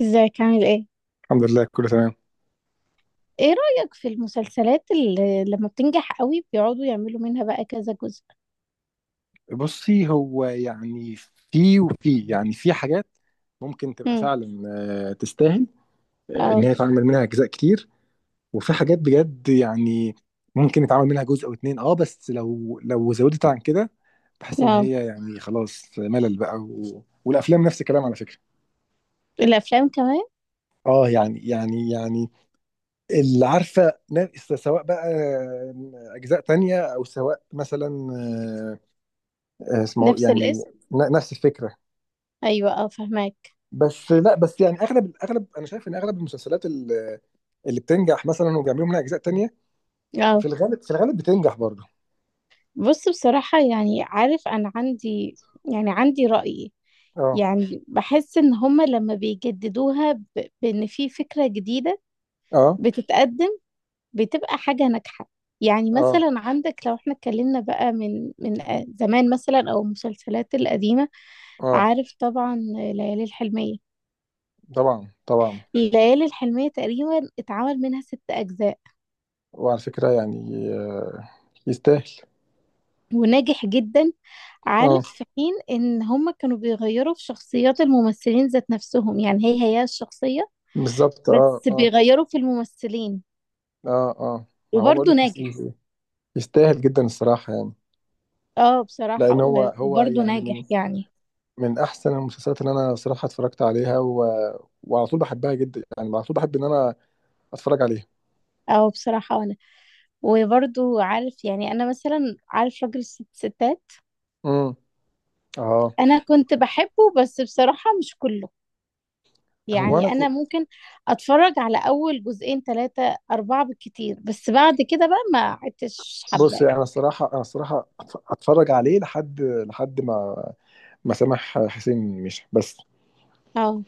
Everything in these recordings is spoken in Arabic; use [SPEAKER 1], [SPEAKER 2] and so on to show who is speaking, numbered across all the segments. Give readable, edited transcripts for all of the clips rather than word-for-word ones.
[SPEAKER 1] ازيك عامل ايه؟
[SPEAKER 2] الحمد لله كله تمام.
[SPEAKER 1] ايه رأيك في المسلسلات اللي لما بتنجح قوي بيقعدوا يعملوا منها بقى كذا جزء؟
[SPEAKER 2] بصي هو يعني في يعني في حاجات ممكن تبقى
[SPEAKER 1] امم.
[SPEAKER 2] فعلا، تستاهل، ان
[SPEAKER 1] اه.
[SPEAKER 2] هي يتعمل منها اجزاء كتير. وفي حاجات بجد يعني ممكن يتعمل منها جزء او اتنين. اه، بس لو زودت عن كده بحس ان
[SPEAKER 1] اه.
[SPEAKER 2] هي يعني خلاص ملل بقى والافلام نفس الكلام على فكرة.
[SPEAKER 1] الافلام كمان.
[SPEAKER 2] اه يعني اللي عارفة، سواء بقى اجزاء تانية او سواء مثلا، اسمه
[SPEAKER 1] نفس
[SPEAKER 2] يعني،
[SPEAKER 1] الاسم؟
[SPEAKER 2] نفس الفكرة.
[SPEAKER 1] ايوه، اه، فهماك.
[SPEAKER 2] بس لا بس يعني اغلب انا شايف ان اغلب المسلسلات اللي بتنجح مثلا وبيعملوا منها اجزاء تانية في
[SPEAKER 1] اه.
[SPEAKER 2] الغالب في الغالب بتنجح برضه.
[SPEAKER 1] بص، بصراحة عارف انا عندي، يعني عندي رأي.
[SPEAKER 2] اه،
[SPEAKER 1] بحس ان هما لما بيجددوها بان في فكرة جديدة
[SPEAKER 2] اه،
[SPEAKER 1] بتتقدم، بتبقى حاجة ناجحة. يعني
[SPEAKER 2] اه،
[SPEAKER 1] مثلا عندك لو احنا اتكلمنا بقى من زمان، مثلا، او المسلسلات القديمة.
[SPEAKER 2] اه،
[SPEAKER 1] عارف طبعا، ليالي الحلمية.
[SPEAKER 2] طبعا، طبعا.
[SPEAKER 1] الليالي الحلمية تقريبا اتعمل منها ست أجزاء
[SPEAKER 2] وعلى فكرة يعني يستاهل.
[SPEAKER 1] وناجح جدا.
[SPEAKER 2] اه
[SPEAKER 1] عارف في حين إن هما كانوا بيغيروا في شخصيات الممثلين ذات نفسهم، يعني هي هي الشخصية،
[SPEAKER 2] بالظبط، اه،
[SPEAKER 1] بس
[SPEAKER 2] اه،
[SPEAKER 1] بيغيروا في الممثلين
[SPEAKER 2] اه، اه، ما هو بقول
[SPEAKER 1] وبرضه
[SPEAKER 2] لك.
[SPEAKER 1] ناجح.
[SPEAKER 2] يستاهل جدا الصراحة يعني.
[SPEAKER 1] اه بصراحة
[SPEAKER 2] لأن هو
[SPEAKER 1] و-
[SPEAKER 2] هو
[SPEAKER 1] وبرضه
[SPEAKER 2] يعني من
[SPEAKER 1] ناجح يعني.
[SPEAKER 2] من أحسن المسلسلات اللي أنا صراحة اتفرجت عليها وعلى طول بحبها جدا. يعني على طول بحب إن أنا أتفرج عليها.
[SPEAKER 1] اه بصراحة وانا وبرضه عارف، يعني انا مثلا عارف راجل الست ستات.
[SPEAKER 2] امم. اه.
[SPEAKER 1] انا كنت بحبه بس بصراحة مش كله،
[SPEAKER 2] هو أنا
[SPEAKER 1] يعني انا ممكن اتفرج على اول جزئين، ثلاثة، اربعة بالكتير، بس بعد كده بقى ما عدتش
[SPEAKER 2] بص
[SPEAKER 1] حباه.
[SPEAKER 2] انا الصراحه اتفرج عليه لحد ما سامح حسين مشى. بس
[SPEAKER 1] اه،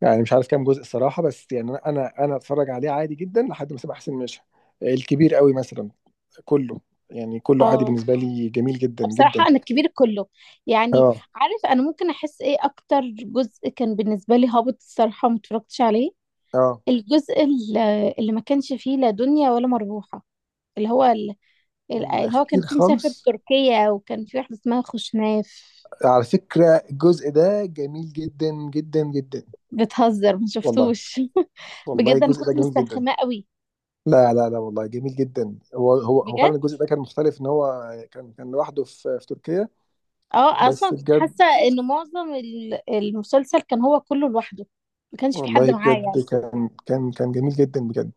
[SPEAKER 2] يعني مش عارف كام جزء الصراحه. بس يعني انا اتفرج عليه عادي جدا لحد ما سامح حسين مشى. الكبير قوي مثلا، كله يعني كله عادي
[SPEAKER 1] اه.
[SPEAKER 2] بالنسبه لي جميل جدا جدا.
[SPEAKER 1] بصراحة انا الكبير كله، يعني
[SPEAKER 2] اه،
[SPEAKER 1] عارف انا ممكن احس ايه اكتر جزء كان بالنسبة لي هابط الصراحة، وما اتفرجتش عليه.
[SPEAKER 2] اه،
[SPEAKER 1] الجزء ال- اللي ما كانش فيه لا دنيا ولا مربوحة، اللي هو ال- اللي هو
[SPEAKER 2] الاخير
[SPEAKER 1] كان فيه مسافر
[SPEAKER 2] خالص
[SPEAKER 1] تركيا وكان فيه واحدة اسمها خوشناف.
[SPEAKER 2] على فكره، الجزء ده جميل جدا جدا جدا.
[SPEAKER 1] بتهزر، ما
[SPEAKER 2] والله.
[SPEAKER 1] شفتوش.
[SPEAKER 2] والله
[SPEAKER 1] بجد انا
[SPEAKER 2] الجزء ده
[SPEAKER 1] كنت
[SPEAKER 2] جميل جدا.
[SPEAKER 1] مسترخمة قوي.
[SPEAKER 2] لا لا لا والله جميل جدا. هو فعلا
[SPEAKER 1] بجد.
[SPEAKER 2] الجزء ده كان مختلف ان هو كان لوحده في تركيا.
[SPEAKER 1] اه، اصلا
[SPEAKER 2] بس
[SPEAKER 1] كنت
[SPEAKER 2] بجد
[SPEAKER 1] حاسه ان معظم المسلسل كان هو كله لوحده، ما كانش في حد
[SPEAKER 2] والله
[SPEAKER 1] معاه يعني.
[SPEAKER 2] بجد كان جميل جدا بجد.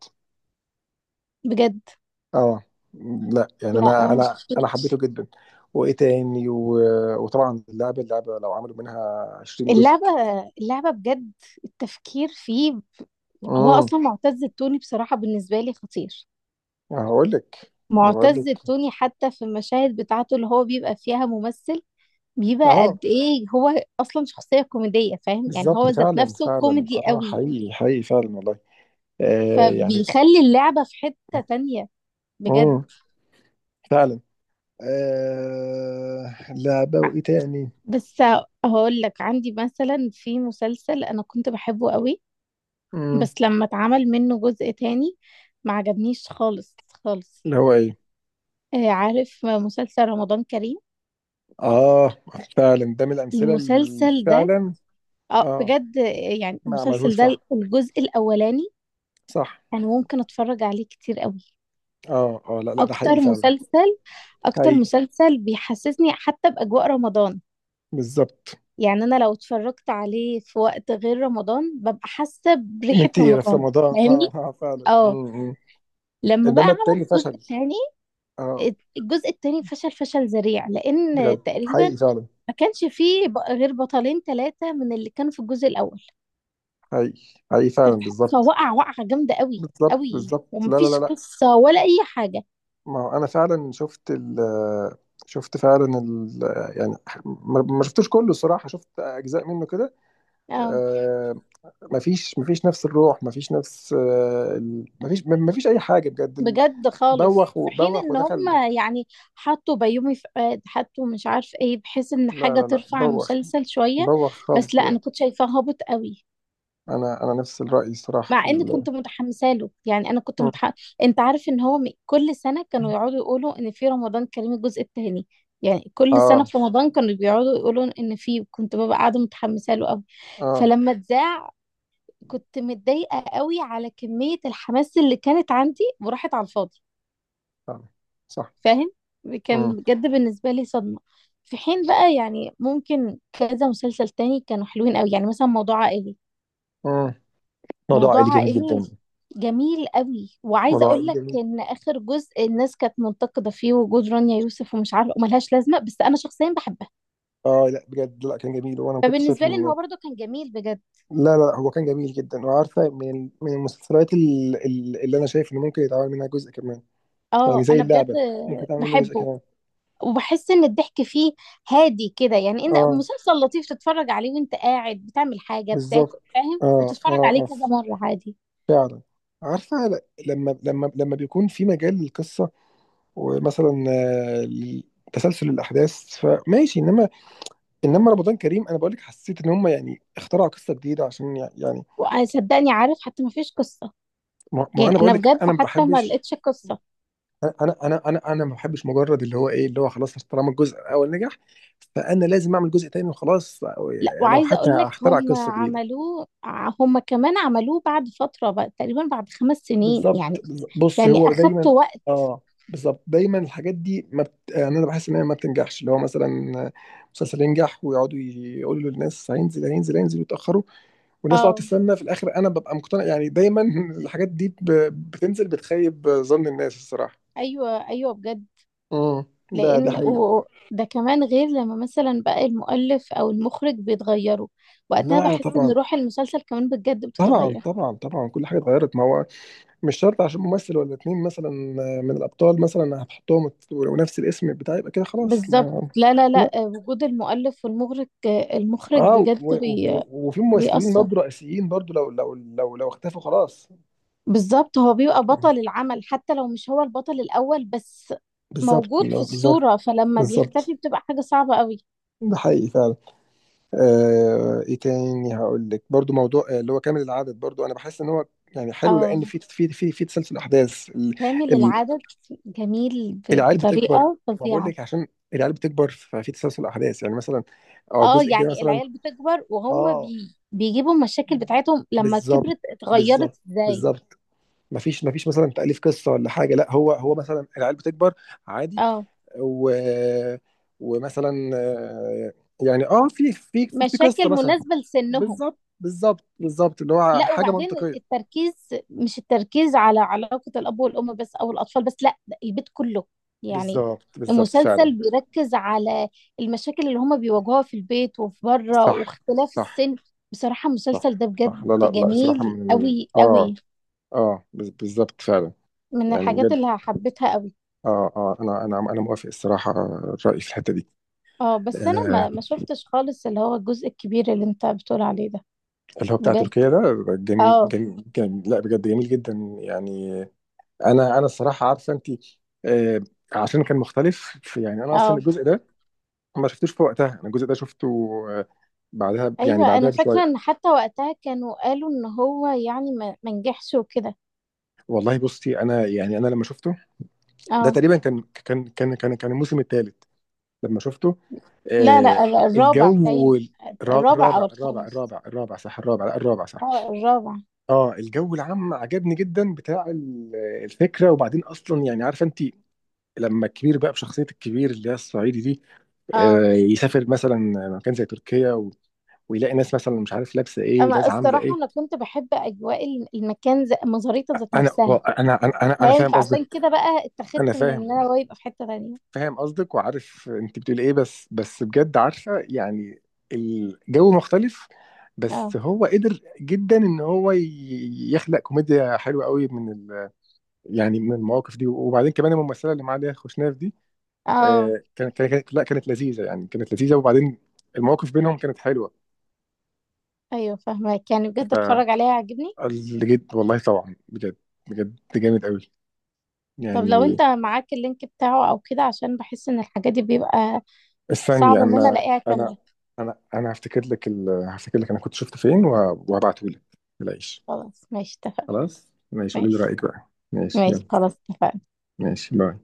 [SPEAKER 1] بجد.
[SPEAKER 2] اه، لا يعني
[SPEAKER 1] لا أنا
[SPEAKER 2] انا
[SPEAKER 1] ما
[SPEAKER 2] انا انا
[SPEAKER 1] شفتوش.
[SPEAKER 2] حبيته جدا. وايه تاني وطبعا اللعبه اللعبه لو عملوا منها 20 جزء.
[SPEAKER 1] اللعبه، اللعبه بجد، التفكير فيه. هو
[SPEAKER 2] امم.
[SPEAKER 1] اصلا معتز التوني بصراحه بالنسبه لي خطير.
[SPEAKER 2] هقول لك. ما بقول
[SPEAKER 1] معتز
[SPEAKER 2] لك.
[SPEAKER 1] التوني حتى في المشاهد بتاعته اللي هو بيبقى فيها ممثل، بيبقى
[SPEAKER 2] اه
[SPEAKER 1] قد ايه هو اصلا شخصيه كوميديه، فاهم؟ يعني هو
[SPEAKER 2] بالظبط
[SPEAKER 1] ذات
[SPEAKER 2] فعلا
[SPEAKER 1] نفسه
[SPEAKER 2] فعلا.
[SPEAKER 1] كوميدي
[SPEAKER 2] اه
[SPEAKER 1] قوي،
[SPEAKER 2] حقيقي حقيقي فعلا والله. يعني.
[SPEAKER 1] فبيخلي اللعبه في حته تانية. بجد.
[SPEAKER 2] امم. فعلا. لعبه وايه تاني.
[SPEAKER 1] بس هقول لك عندي مثلا في مسلسل انا كنت بحبه قوي،
[SPEAKER 2] امم.
[SPEAKER 1] بس لما اتعمل منه جزء تاني ما عجبنيش خالص، خالص.
[SPEAKER 2] اللي هو ايه؟
[SPEAKER 1] عارف مسلسل رمضان كريم؟
[SPEAKER 2] اه فعلا ده من الامثله اللي
[SPEAKER 1] المسلسل ده،
[SPEAKER 2] فعلا.
[SPEAKER 1] اه
[SPEAKER 2] اه.
[SPEAKER 1] بجد، يعني
[SPEAKER 2] ما
[SPEAKER 1] المسلسل
[SPEAKER 2] عملهوش
[SPEAKER 1] ده
[SPEAKER 2] صح.
[SPEAKER 1] الجزء الاولاني
[SPEAKER 2] صح.
[SPEAKER 1] انا ممكن اتفرج عليه كتير قوي.
[SPEAKER 2] اه، اه، لا لا ده
[SPEAKER 1] اكتر
[SPEAKER 2] حقيقي فعلا.
[SPEAKER 1] مسلسل اكتر
[SPEAKER 2] حقيقي.
[SPEAKER 1] مسلسل بيحسسني حتى باجواء رمضان،
[SPEAKER 2] بالظبط.
[SPEAKER 1] يعني انا لو اتفرجت عليه في وقت غير رمضان ببقى حاسة
[SPEAKER 2] ان
[SPEAKER 1] بريحة
[SPEAKER 2] انت في
[SPEAKER 1] رمضان.
[SPEAKER 2] رمضان.
[SPEAKER 1] فاهمني؟
[SPEAKER 2] اه، اه، فعلا.
[SPEAKER 1] اه.
[SPEAKER 2] امم.
[SPEAKER 1] لما بقى
[SPEAKER 2] انما
[SPEAKER 1] عمل
[SPEAKER 2] التاني
[SPEAKER 1] الجزء
[SPEAKER 2] فشل.
[SPEAKER 1] الثاني،
[SPEAKER 2] اه
[SPEAKER 1] الجزء الثاني فشل، فشل ذريع، لان
[SPEAKER 2] بجد
[SPEAKER 1] تقريبا
[SPEAKER 2] حقيقي فعلا.
[SPEAKER 1] ما كانش فيه غير بطلين، ثلاثة من اللي كانوا في الجزء الاول.
[SPEAKER 2] حقيقي حقيقي فعلا. بالظبط
[SPEAKER 1] فوقع وقعة جامدة قوي
[SPEAKER 2] بالظبط
[SPEAKER 1] قوي،
[SPEAKER 2] بالظبط. لا لا لا
[SPEAKER 1] ومفيش
[SPEAKER 2] لا.
[SPEAKER 1] قصة ولا اي حاجة.
[SPEAKER 2] ما هو انا فعلا شفت فعلا يعني، ما شفتوش كله الصراحه، شفت اجزاء منه كده.
[SPEAKER 1] اه
[SPEAKER 2] آه، مفيش نفس الروح. مفيش نفس مفيش اي حاجه بجد
[SPEAKER 1] بجد خالص،
[SPEAKER 2] بوخ
[SPEAKER 1] في حين
[SPEAKER 2] وبوخ
[SPEAKER 1] ان هم
[SPEAKER 2] ودخل.
[SPEAKER 1] يعني حطوا بيومي فؤاد، حطوا مش عارف ايه، بحيث ان
[SPEAKER 2] لا
[SPEAKER 1] حاجة
[SPEAKER 2] لا لا
[SPEAKER 1] ترفع
[SPEAKER 2] بوخ.
[SPEAKER 1] المسلسل شوية.
[SPEAKER 2] بوخ خالص
[SPEAKER 1] بس لا، انا
[SPEAKER 2] بجد.
[SPEAKER 1] كنت شايفاه هابط قوي،
[SPEAKER 2] انا نفس الراي الصراحه في
[SPEAKER 1] مع ان كنت متحمسه له، يعني انا كنت
[SPEAKER 2] مم.
[SPEAKER 1] متح... انت عارف ان هو كل سنه كانوا يقعدوا يقولوا ان في رمضان كريم الجزء الثاني، يعني كل سنه
[SPEAKER 2] اه،
[SPEAKER 1] في رمضان كانوا بيقعدوا يقولوا ان في، كنت ببقى قاعده متحمسه له قوي.
[SPEAKER 2] اه،
[SPEAKER 1] فلما اتذاع كنت متضايقه قوي على كميه الحماس اللي كانت عندي وراحت على الفاضي.
[SPEAKER 2] فعلا. صح.
[SPEAKER 1] فاهم؟ كان
[SPEAKER 2] امم.
[SPEAKER 1] بجد بالنسبه لي صدمه. في حين بقى يعني ممكن كذا مسلسل تاني كانوا حلوين قوي، يعني مثلا موضوع عائلي.
[SPEAKER 2] امم. موضوع
[SPEAKER 1] موضوع
[SPEAKER 2] عائلي جميل
[SPEAKER 1] عائلي
[SPEAKER 2] جدا.
[SPEAKER 1] جميل قوي، وعايزه
[SPEAKER 2] موضوع
[SPEAKER 1] اقول
[SPEAKER 2] عائلي
[SPEAKER 1] لك
[SPEAKER 2] جميل.
[SPEAKER 1] ان اخر جزء الناس كانت منتقده فيه وجود رانيا يوسف ومش عارفه وملهاش لازمه، بس انا شخصيا بحبها،
[SPEAKER 2] اه لا بجد لا كان جميل وانا ما كنت شايف
[SPEAKER 1] فبالنسبه لي ان
[SPEAKER 2] ان...
[SPEAKER 1] هو برضو كان جميل بجد.
[SPEAKER 2] لا لا لا، هو كان جميل جدا. وعارفه من المسلسلات اللي انا شايف ان ممكن يتعمل منها جزء كمان. يعني
[SPEAKER 1] اه
[SPEAKER 2] زي
[SPEAKER 1] انا بجد
[SPEAKER 2] اللعبه، ممكن يتعمل منها جزء
[SPEAKER 1] بحبه،
[SPEAKER 2] كمان.
[SPEAKER 1] وبحس ان الضحك فيه هادي كده، يعني ان
[SPEAKER 2] اه
[SPEAKER 1] مسلسل لطيف تتفرج عليه وانت قاعد بتعمل حاجه، بتاكل
[SPEAKER 2] بالظبط.
[SPEAKER 1] فاهم،
[SPEAKER 2] اه،
[SPEAKER 1] وتتفرج
[SPEAKER 2] اه،
[SPEAKER 1] عليه
[SPEAKER 2] اه،
[SPEAKER 1] كذا مره عادي.
[SPEAKER 2] فعلا. عارفة لما بيكون في مجال للقصة، ومثلا تسلسل الأحداث فماشي. إنما رمضان كريم أنا بقولك حسيت إن هم يعني اخترعوا قصة جديدة عشان يعني.
[SPEAKER 1] وصدقني عارف حتى ما فيش قصه،
[SPEAKER 2] ما
[SPEAKER 1] يعني
[SPEAKER 2] أنا
[SPEAKER 1] انا
[SPEAKER 2] بقولك،
[SPEAKER 1] بجد
[SPEAKER 2] أنا ما
[SPEAKER 1] حتى ما
[SPEAKER 2] بحبش.
[SPEAKER 1] لقيتش قصه.
[SPEAKER 2] أنا ما بحبش مجرد اللي هو إيه اللي هو خلاص، طالما الجزء الأول نجح فأنا لازم أعمل جزء تاني وخلاص،
[SPEAKER 1] لا،
[SPEAKER 2] يعني لو
[SPEAKER 1] وعايزه
[SPEAKER 2] حتى
[SPEAKER 1] اقول لك
[SPEAKER 2] هخترع
[SPEAKER 1] هم
[SPEAKER 2] قصة جديدة.
[SPEAKER 1] هم كمان عملوه بعد فتره بقى، تقريبا بعد 5 سنين
[SPEAKER 2] بالظبط.
[SPEAKER 1] يعني،
[SPEAKER 2] بص
[SPEAKER 1] يعني
[SPEAKER 2] هو
[SPEAKER 1] اخدت
[SPEAKER 2] دايما.
[SPEAKER 1] وقت.
[SPEAKER 2] اه بالظبط، دايما الحاجات دي ما بت... يعني انا بحس ان هي ما بتنجحش، اللي هو مثلا مسلسل ينجح ويقعدوا يقولوا للناس هينزل هينزل هينزل ويتاخروا والناس تقعد
[SPEAKER 1] اه،
[SPEAKER 2] تستنى. في الاخر انا ببقى مقتنع يعني دايما الحاجات دي بتنزل بتخيب ظن الناس الصراحه.
[SPEAKER 1] ايوه، ايوه بجد.
[SPEAKER 2] امم. ده
[SPEAKER 1] لان
[SPEAKER 2] حقيقي.
[SPEAKER 1] ده كمان غير لما مثلا بقى المؤلف او المخرج بيتغيروا، وقتها
[SPEAKER 2] لا
[SPEAKER 1] بحس ان
[SPEAKER 2] طبعا.
[SPEAKER 1] روح المسلسل كمان بجد
[SPEAKER 2] طبعا،
[SPEAKER 1] بتتغير.
[SPEAKER 2] طبعا، طبعا، كل حاجه اتغيرت ما هو. مش شرط عشان ممثل ولا اتنين مثلا من الابطال مثلا هتحطهم ونفس الاسم بتاعي يبقى كده خلاص
[SPEAKER 1] بالظبط،
[SPEAKER 2] ما...
[SPEAKER 1] لا، لا، لا. وجود المؤلف والمخرج، المخرج
[SPEAKER 2] اه
[SPEAKER 1] بجد
[SPEAKER 2] وفي ممثلين
[SPEAKER 1] بيأثر.
[SPEAKER 2] برضه رئيسيين برضه لو اختفوا خلاص.
[SPEAKER 1] بالظبط هو بيبقى بطل العمل حتى لو مش هو البطل الأول، بس
[SPEAKER 2] بالظبط.
[SPEAKER 1] موجود في
[SPEAKER 2] لا، بالظبط.
[SPEAKER 1] الصورة، فلما
[SPEAKER 2] بالظبط.
[SPEAKER 1] بيختفي بتبقى حاجة صعبة قوي.
[SPEAKER 2] ده حقيقي فعلا. ايه تاني؟ هقول لك برضو موضوع اللي هو كامل العدد. برضو انا بحس ان هو يعني حلو لان
[SPEAKER 1] اه
[SPEAKER 2] في تسلسل احداث
[SPEAKER 1] كامل
[SPEAKER 2] ال-
[SPEAKER 1] العدد جميل
[SPEAKER 2] العيال بتكبر.
[SPEAKER 1] بطريقة
[SPEAKER 2] ما بقول
[SPEAKER 1] فظيعة.
[SPEAKER 2] لك عشان العيال بتكبر ففي تسلسل احداث يعني مثلا. اه
[SPEAKER 1] اه
[SPEAKER 2] الجزء الجاي
[SPEAKER 1] يعني
[SPEAKER 2] مثلا.
[SPEAKER 1] العيال بتكبر، وهم
[SPEAKER 2] اه
[SPEAKER 1] بيجيبوا المشاكل بتاعتهم، لما
[SPEAKER 2] بالظبط
[SPEAKER 1] كبرت
[SPEAKER 2] بالظبط
[SPEAKER 1] اتغيرت ازاي.
[SPEAKER 2] بالظبط. مفيش مفيش مثلا تأليف قصة ولا حاجة، لا هو مثلا العيال بتكبر عادي.
[SPEAKER 1] اه
[SPEAKER 2] و ومثلا يعني في قصة
[SPEAKER 1] مشاكل
[SPEAKER 2] مثلا.
[SPEAKER 1] مناسبة لسنهم.
[SPEAKER 2] بالظبط بالظبط بالظبط، اللي هو
[SPEAKER 1] لا
[SPEAKER 2] حاجة
[SPEAKER 1] وبعدين
[SPEAKER 2] منطقية.
[SPEAKER 1] التركيز، مش التركيز على علاقة الأب والأم بس أو الأطفال بس، لا ده البيت كله، يعني
[SPEAKER 2] بالظبط بالظبط فعلا.
[SPEAKER 1] المسلسل بيركز على المشاكل اللي هما بيواجهوها في البيت وفي بره،
[SPEAKER 2] صح،
[SPEAKER 1] واختلاف
[SPEAKER 2] صح،
[SPEAKER 1] السن. بصراحة المسلسل
[SPEAKER 2] صح،
[SPEAKER 1] ده
[SPEAKER 2] صح.
[SPEAKER 1] بجد
[SPEAKER 2] لا لا لا الصراحة
[SPEAKER 1] جميل
[SPEAKER 2] من
[SPEAKER 1] قوي قوي،
[SPEAKER 2] اه بالظبط فعلا.
[SPEAKER 1] من
[SPEAKER 2] يعني
[SPEAKER 1] الحاجات
[SPEAKER 2] بجد.
[SPEAKER 1] اللي حبيتها قوي.
[SPEAKER 2] اه، اه، انا موافق الصراحة الرأي في الحتة دي.
[SPEAKER 1] اه بس انا
[SPEAKER 2] آه،
[SPEAKER 1] ما شفتش خالص اللي هو الجزء الكبير اللي انت بتقول عليه ده.
[SPEAKER 2] اللي هو بتاع
[SPEAKER 1] بجد.
[SPEAKER 2] تركيا ده جميل،
[SPEAKER 1] اه،
[SPEAKER 2] جميل, جميل. لا بجد جميل جدا. يعني انا الصراحه عارفه انت، آه عشان كان مختلف، يعني انا اصلا
[SPEAKER 1] اه،
[SPEAKER 2] الجزء ده ما شفتوش في وقتها. انا الجزء ده شفته آه، بعدها. يعني
[SPEAKER 1] ايوه
[SPEAKER 2] بعدها
[SPEAKER 1] انا فاكره ان
[SPEAKER 2] بشويه.
[SPEAKER 1] حتى وقتها كانوا قالوا ان هو يعني ما نجحش وكده.
[SPEAKER 2] والله بصي انا يعني انا لما شفته ده
[SPEAKER 1] اه،
[SPEAKER 2] تقريبا كان الموسم الثالث. لما شفته،
[SPEAKER 1] لا، لا،
[SPEAKER 2] آه
[SPEAKER 1] الرابع
[SPEAKER 2] الجو،
[SPEAKER 1] تايم، الرابع
[SPEAKER 2] الرابع
[SPEAKER 1] او
[SPEAKER 2] الرابع
[SPEAKER 1] الخامس.
[SPEAKER 2] الرابع الرابع صح الرابع. لا الرابع صح.
[SPEAKER 1] اه الرابع.
[SPEAKER 2] اه الجو العام عجبني جدا بتاع الفكره. وبعدين اصلا يعني عارفه انت لما الكبير بقى بشخصية الكبير اللي هي الصعيدي دي
[SPEAKER 1] اه
[SPEAKER 2] يسافر مثلا مكان زي تركيا ويلاقي ناس مثلا مش عارف لابسة ايه
[SPEAKER 1] اما
[SPEAKER 2] وناس عاملة
[SPEAKER 1] الصراحه
[SPEAKER 2] ايه.
[SPEAKER 1] انا كنت بحب اجواء المكان مزاريطه ذات
[SPEAKER 2] انا
[SPEAKER 1] نفسها،
[SPEAKER 2] أنا
[SPEAKER 1] فاهم؟
[SPEAKER 2] فاهم
[SPEAKER 1] فعشان
[SPEAKER 2] قصدك.
[SPEAKER 1] كده بقى
[SPEAKER 2] انا
[SPEAKER 1] اتخذت من
[SPEAKER 2] فاهم.
[SPEAKER 1] ان انا هو يبقى في حته تانية.
[SPEAKER 2] قصدك وعارف انت بتقول ايه. بس بجد عارفة يعني، الجو مختلف.
[SPEAKER 1] اه،
[SPEAKER 2] بس هو قدر جدا ان هو يخلق كوميديا حلوة قوي من يعني من المواقف دي. وبعدين كمان الممثلة اللي معاه دي خوشناف دي
[SPEAKER 1] اه،
[SPEAKER 2] كانت لا كانت لذيذه. يعني كانت لذيذه. وبعدين المواقف بينهم كانت حلوه.
[SPEAKER 1] ايوه فاهمك، يعني بجد اتفرج عليها عجبني.
[SPEAKER 2] فالجد والله طبعا بجد. بجد جامد قوي
[SPEAKER 1] طب لو
[SPEAKER 2] يعني.
[SPEAKER 1] انت معاك اللينك بتاعه او كده، عشان بحس ان الحاجات دي بيبقى
[SPEAKER 2] الثانيه
[SPEAKER 1] صعب ان انا
[SPEAKER 2] انا
[SPEAKER 1] الاقيها
[SPEAKER 2] انا
[SPEAKER 1] كامله.
[SPEAKER 2] انا انا هفتكر لك هفتكر لك انا كنت شفته فين وهبعته لك. العيش.
[SPEAKER 1] خلاص ماشي، اتفقنا.
[SPEAKER 2] خلاص ماشي. قولي لي
[SPEAKER 1] ماشي،
[SPEAKER 2] رايك بقى. ماشي يلا.
[SPEAKER 1] ماشي، خلاص اتفقنا.
[SPEAKER 2] ماشي باي.